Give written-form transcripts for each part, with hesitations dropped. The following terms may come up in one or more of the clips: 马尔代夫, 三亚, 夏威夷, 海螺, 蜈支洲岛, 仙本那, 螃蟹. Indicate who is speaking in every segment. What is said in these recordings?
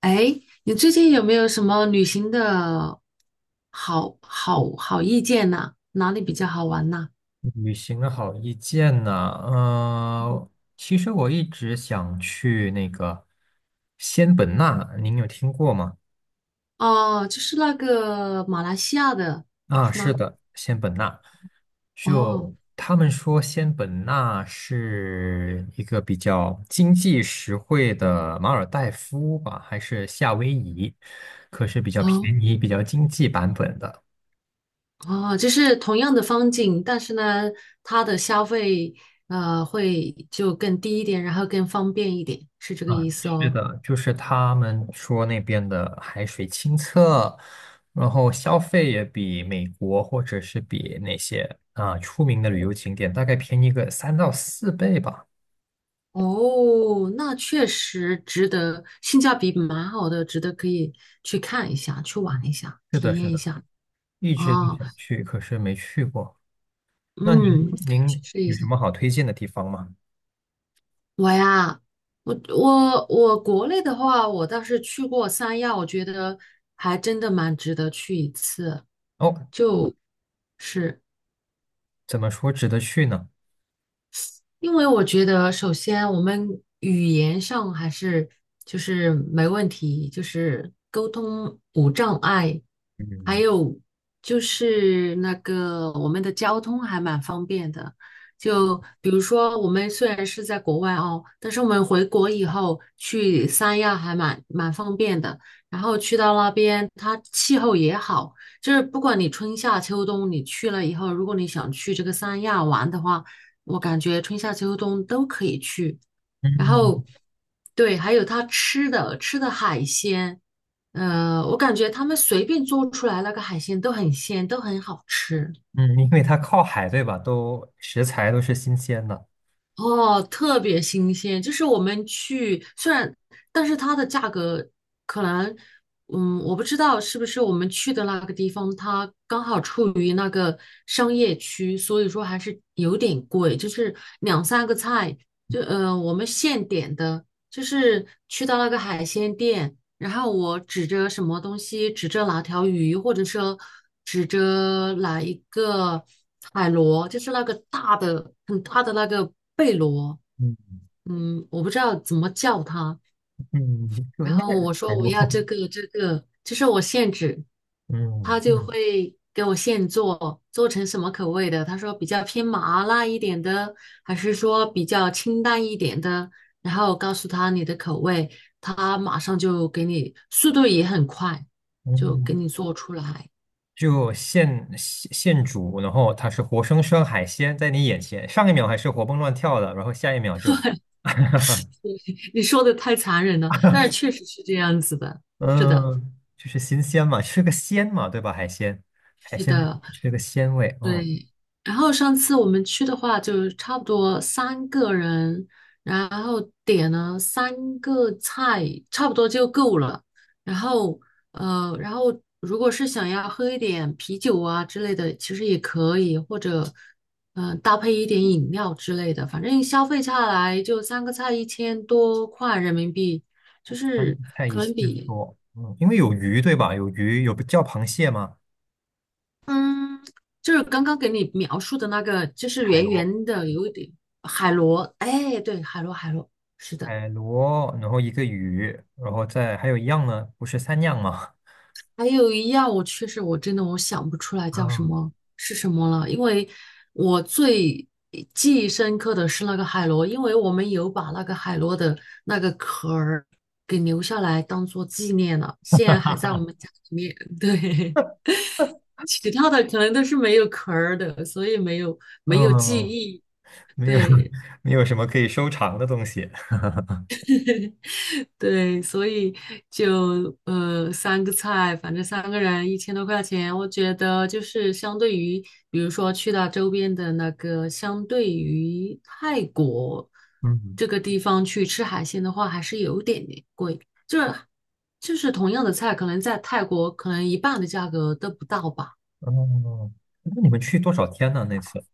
Speaker 1: 哎，你最近有没有什么旅行的好意见呐？哪里比较好玩呐？
Speaker 2: 旅行的好意见呢？其实我一直想去那个仙本那，您有听过吗？
Speaker 1: 哦，就是那个马来西亚的，
Speaker 2: 啊，
Speaker 1: 是
Speaker 2: 是
Speaker 1: 吗？
Speaker 2: 的，仙本那，
Speaker 1: 哦
Speaker 2: 就他们说仙本那是一个比较经济实惠的马尔代夫吧，还是夏威夷？可是比较
Speaker 1: 哦
Speaker 2: 便宜、比较经济版本的。
Speaker 1: 哦，就是同样的风景，但是呢，它的消费会就更低一点，然后更方便一点，是这个
Speaker 2: 啊，
Speaker 1: 意思
Speaker 2: 是
Speaker 1: 哦。
Speaker 2: 的，就是他们说那边的海水清澈，然后消费也比美国或者是比那些出名的旅游景点大概便宜个3到4倍吧。
Speaker 1: 哦，那确实值得，性价比蛮好的，值得可以去看一下，去
Speaker 2: 嗯，
Speaker 1: 玩一下，
Speaker 2: 是
Speaker 1: 体
Speaker 2: 的，
Speaker 1: 验
Speaker 2: 是
Speaker 1: 一
Speaker 2: 的，
Speaker 1: 下。
Speaker 2: 一直都
Speaker 1: 哦
Speaker 2: 想去，可是没去过。那您
Speaker 1: 嗯，可以去试一
Speaker 2: 有
Speaker 1: 下。
Speaker 2: 什么好推荐的地方吗？
Speaker 1: 我呀，我国内的话，我倒是去过三亚，我觉得还真的蛮值得去一次。
Speaker 2: 哦，
Speaker 1: 就是。
Speaker 2: 怎么说值得去呢？
Speaker 1: 因为我觉得，首先我们语言上还是就是没问题，就是沟通无障碍，还
Speaker 2: 嗯
Speaker 1: 有就是那个我们的交通还蛮方便的。就比如说，我们虽然是在国外哦，但是我们回国以后去三亚还蛮方便的。然后去到那边，它气候也好，就是不管你春夏秋冬，你去了以后，如果你想去这个三亚玩的话，我感觉春夏秋冬都可以去。然
Speaker 2: 嗯
Speaker 1: 后，对，还有他吃的海鲜，我感觉他们随便做出来那个海鲜都很鲜，都很好吃。
Speaker 2: 嗯，因为它靠海，对吧？都食材都是新鲜的。
Speaker 1: 哦，特别新鲜，就是我们去，虽然，但是它的价格可能，嗯，我不知道是不是我们去的那个地方，它刚好处于那个商业区，所以说还是有点贵，就是两三个菜，就我们现点的，就是去到那个海鲜店，然后我指着什么东西，指着哪条鱼，或者说指着哪一个。海螺就是那个大的、很大的那个贝螺，
Speaker 2: 嗯，
Speaker 1: 嗯，我不知道怎么叫它。
Speaker 2: 嗯，就
Speaker 1: 然
Speaker 2: 应该
Speaker 1: 后
Speaker 2: 是
Speaker 1: 我
Speaker 2: 海
Speaker 1: 说我
Speaker 2: 螺。
Speaker 1: 要这个这个，就是我现制，他
Speaker 2: 嗯
Speaker 1: 就
Speaker 2: 嗯
Speaker 1: 会给我现做，做成什么口味的？他说比较偏麻辣一点的，还是说比较清淡一点的？然后告诉他你的口味，他马上就给你，速度也很快，就给
Speaker 2: 嗯，
Speaker 1: 你做出来。
Speaker 2: 就现煮，然后它是活生生海鲜在你眼前，上一秒还是活蹦乱跳的，然后下一秒就，
Speaker 1: 你说的太残忍了，但是确实是这样子的，是的。
Speaker 2: 嗯，就是新鲜嘛，吃个鲜嘛，对吧？海鲜，海
Speaker 1: 是
Speaker 2: 鲜就是
Speaker 1: 的，
Speaker 2: 吃个鲜味，嗯，
Speaker 1: 对。然后上次我们去的话，就差不多三个人，然后点了三个菜，差不多就够了。然后，然后如果是想要喝一点啤酒啊之类的，其实也可以，或者，搭配一点饮料之类的。反正消费下来就三个菜一千多块人民币，就
Speaker 2: 三
Speaker 1: 是
Speaker 2: 菜一
Speaker 1: 可能
Speaker 2: 鲜
Speaker 1: 比
Speaker 2: 多，嗯，因为有鱼，对吧？有鱼，有叫螃蟹吗？
Speaker 1: 嗯，就是刚刚给你描述的那个，就是
Speaker 2: 海
Speaker 1: 圆
Speaker 2: 螺，
Speaker 1: 圆的，有一点海螺。哎，对，海螺，海螺，是的。
Speaker 2: 海螺，然后一个鱼，然后再还有一样呢，不是三样吗？
Speaker 1: 还有一样，我确实我真的我想不出来叫什
Speaker 2: 啊，
Speaker 1: 么是什么了，因为我最记忆深刻的是那个海螺，因为我们有把那个海螺的那个壳儿给留下来当做纪念了，现在还在我们家里面。对，其他的可能都是没有壳儿的，所以没有记
Speaker 2: 嗯，
Speaker 1: 忆。
Speaker 2: 没有
Speaker 1: 对。
Speaker 2: 没有什么可以收藏的东西。
Speaker 1: 对，所以就三个菜，反正三个人一千多块钱，我觉得就是相对于，比如说去到周边的那个，相对于泰国
Speaker 2: 嗯，
Speaker 1: 这个地方去吃海鲜的话，还是有点点贵，就是就是同样的菜，可能在泰国可能一半的价格都不到吧。
Speaker 2: 哦，那你们去多少天呢？那次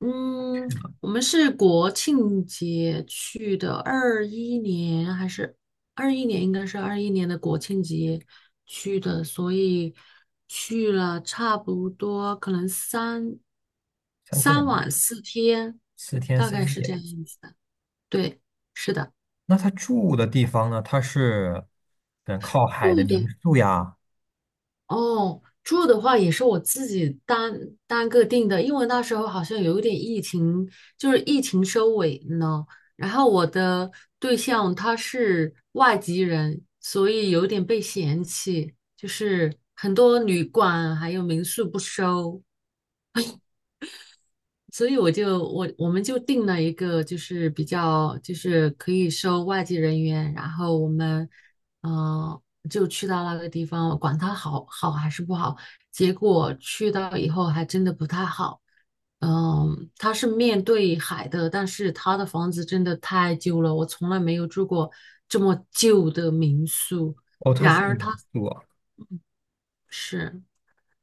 Speaker 1: 嗯，我们是国庆节去的，二一年还是二一年？应该是二一年的国庆节去的，所以去了差不多可能三
Speaker 2: 三天
Speaker 1: 三
Speaker 2: 两
Speaker 1: 晚四天，
Speaker 2: 四天
Speaker 1: 大概
Speaker 2: 三
Speaker 1: 是这
Speaker 2: 夜。
Speaker 1: 样子的。对，是的，
Speaker 2: 那他住的地方呢？他是靠海的
Speaker 1: 住
Speaker 2: 民
Speaker 1: 的
Speaker 2: 宿呀？
Speaker 1: 哦，住的话也是我自己单个订的，因为那时候好像有一点疫情，就是疫情收尾呢。然后我的对象他是外籍人，所以有点被嫌弃，就是很多旅馆还有民宿不收。所以我们就定了一个，就是比较就是可以收外籍人员，然后我们嗯、呃就去到那个地方，管它好还是不好，结果去到以后还真的不太好。嗯，它是面对海的，但是它的房子真的太旧了，我从来没有住过这么旧的民宿。
Speaker 2: 哦，他
Speaker 1: 然
Speaker 2: 是
Speaker 1: 而
Speaker 2: 民
Speaker 1: 它
Speaker 2: 宿啊
Speaker 1: 是。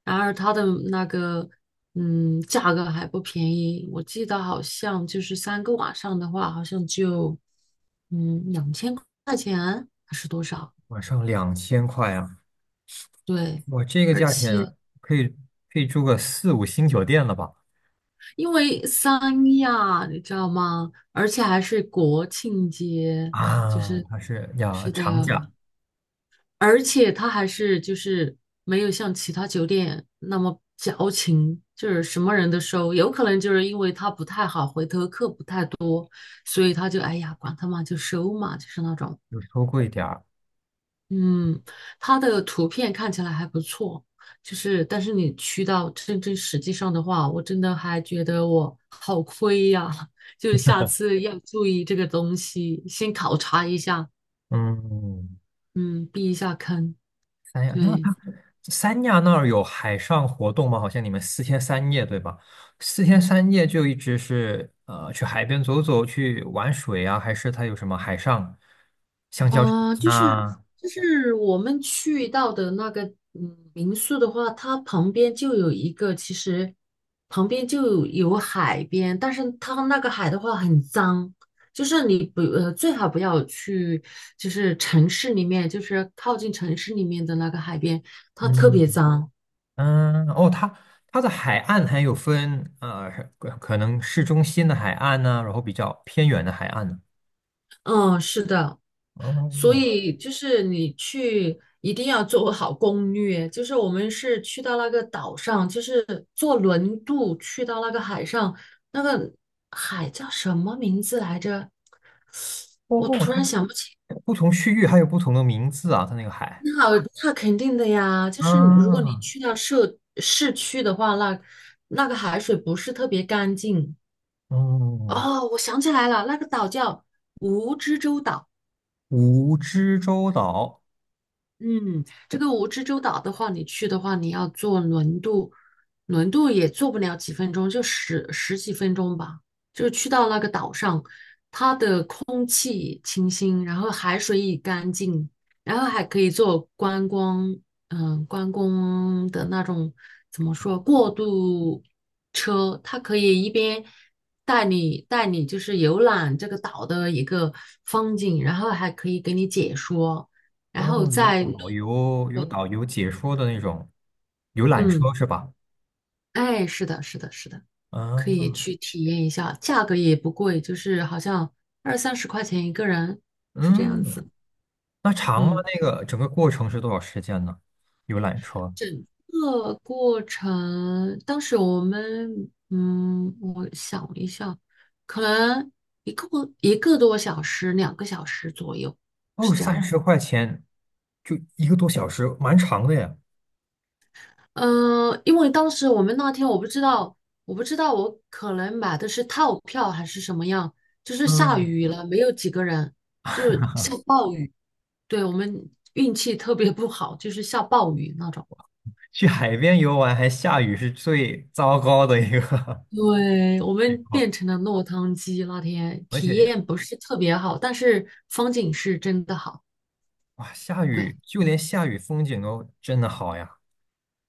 Speaker 1: 然而它的那个价格还不便宜，我记得好像就是三个晚上的话，好像就两千块钱，
Speaker 2: 晚上2000块啊！
Speaker 1: 对，
Speaker 2: 哇，这个
Speaker 1: 而
Speaker 2: 价
Speaker 1: 且
Speaker 2: 钱可以住个四五星酒店了吧？
Speaker 1: 因为三亚你知道吗？而且还是国庆节，就
Speaker 2: 啊，
Speaker 1: 是
Speaker 2: 他是呀，
Speaker 1: 是的，
Speaker 2: 长假
Speaker 1: 而且他还是就是没有像其他酒店那么矫情，就是什么人都收。有可能就是因为他不太好，回头客不太多，所以他就哎呀，管他嘛，就收嘛，就是那种。
Speaker 2: 就收贵点儿。
Speaker 1: 嗯，他的图片看起来还不错，就是但是你去到真正实际上的话，我真的还觉得我好亏呀，就下次要注意这个东西，先考察一下，
Speaker 2: 嗯，
Speaker 1: 嗯，避一下坑，
Speaker 2: 三亚，那
Speaker 1: 对。
Speaker 2: 它三亚那儿有海上活动吗？好像你们四天三夜，对吧？四天三夜就一直是去海边走走，去玩水啊，还是它有什么海上香蕉船
Speaker 1: 啊、就是
Speaker 2: 啊？
Speaker 1: 就是我们去到的那个民宿的话，它旁边就有一个，其实旁边就有海边，但是它那个海的话很脏，就是你不最好不要去，就是城市里面，就是靠近城市里面的那个海边，它特
Speaker 2: 嗯
Speaker 1: 别脏。
Speaker 2: 嗯，哦，它的海岸还有分可能市中心的海岸呢、然后比较偏远的海岸呢、
Speaker 1: 嗯，是的。所
Speaker 2: 哦
Speaker 1: 以就是你去一定要做好攻略，就是我们是去到那个岛上，就是坐轮渡去到那个海上，那个海叫什么名字来着？我
Speaker 2: 哦，
Speaker 1: 突
Speaker 2: 它
Speaker 1: 然想不起。
Speaker 2: 不同区域还有不同的名字啊，它那个海
Speaker 1: 那那肯定的呀，就是你如果你
Speaker 2: 啊，
Speaker 1: 去到市区的话，那那个海水不是特别干净。
Speaker 2: 嗯。
Speaker 1: 哦，我想起来了，那个岛叫蜈支洲岛。
Speaker 2: 蜈支洲岛，
Speaker 1: 嗯，这个蜈支洲岛的话，你去的话，你要坐轮渡，轮渡也坐不了几分钟，就十几分钟吧。就去到那个岛上，清，然后海水也干净，然后还可以做观光，嗯，观光的那种怎么说过渡车，它可以一边带你就是游览这个岛的一个风景，然后还可以给你解说，然后
Speaker 2: 哦，
Speaker 1: 在路
Speaker 2: 有
Speaker 1: 对，
Speaker 2: 导游解说的那种游览车
Speaker 1: 嗯。
Speaker 2: 是吧？
Speaker 1: 哎，是的，是的，是的，
Speaker 2: 啊，
Speaker 1: 可以去体验一下，价格也不贵，就是好像二三十块钱一个人，是这样
Speaker 2: 嗯，
Speaker 1: 子。
Speaker 2: 那长吗？
Speaker 1: 嗯，
Speaker 2: 那个整个过程是多少时间呢？游览车，
Speaker 1: 这个过程，当时我们，嗯，我想一下，可能一个一个多小时，两个小时左右，
Speaker 2: 哦，
Speaker 1: 是这
Speaker 2: 三
Speaker 1: 样子。
Speaker 2: 十块钱，就一个多小时，蛮长的呀。
Speaker 1: 嗯、因为当时我们那天我不知道，我可能买的是套票还是什么样，就是下
Speaker 2: 嗯，
Speaker 1: 雨了，没有几个人，就是下暴雨。对，我们运气特别不好，就是下暴雨那种。
Speaker 2: 去海边游玩还下雨是最糟糕的一个
Speaker 1: 对，我
Speaker 2: 情
Speaker 1: 们
Speaker 2: 况，
Speaker 1: 变成了落汤鸡，那天
Speaker 2: 而
Speaker 1: 体
Speaker 2: 且呀
Speaker 1: 验不是特别好，但是风景是真的好。
Speaker 2: 哇，下雨
Speaker 1: 对，
Speaker 2: 就连下雨风景都真的好呀。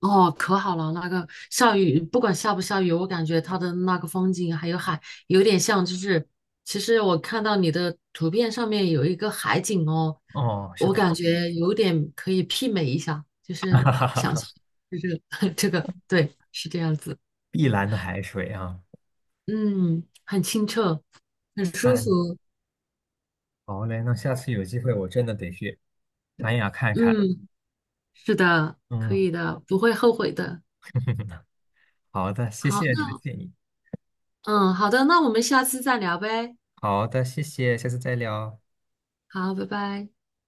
Speaker 1: 哦，可好了，那个下雨，不管下不下雨，我感觉它的那个风景还有海，有点像，就是其实我看到你的图片上面有一个海景哦，
Speaker 2: 哦，是
Speaker 1: 我
Speaker 2: 的，
Speaker 1: 感觉有点可以媲美一下，就 是
Speaker 2: 哈哈
Speaker 1: 想象，
Speaker 2: 哈
Speaker 1: 就是 这个，这个，对，是这样子。
Speaker 2: 碧蓝的海水啊。
Speaker 1: 嗯，很清澈，很舒
Speaker 2: 看。
Speaker 1: 服。
Speaker 2: 好嘞，那下次有机会我真的得去三亚看看。
Speaker 1: 嗯，是的，可
Speaker 2: 嗯，
Speaker 1: 以的，不会后悔的。
Speaker 2: 好的，谢
Speaker 1: 好，
Speaker 2: 谢你的
Speaker 1: 那
Speaker 2: 建议。
Speaker 1: 嗯，好的，那我们下次再聊呗。
Speaker 2: 好的，谢谢，下次再聊。
Speaker 1: 好，拜拜。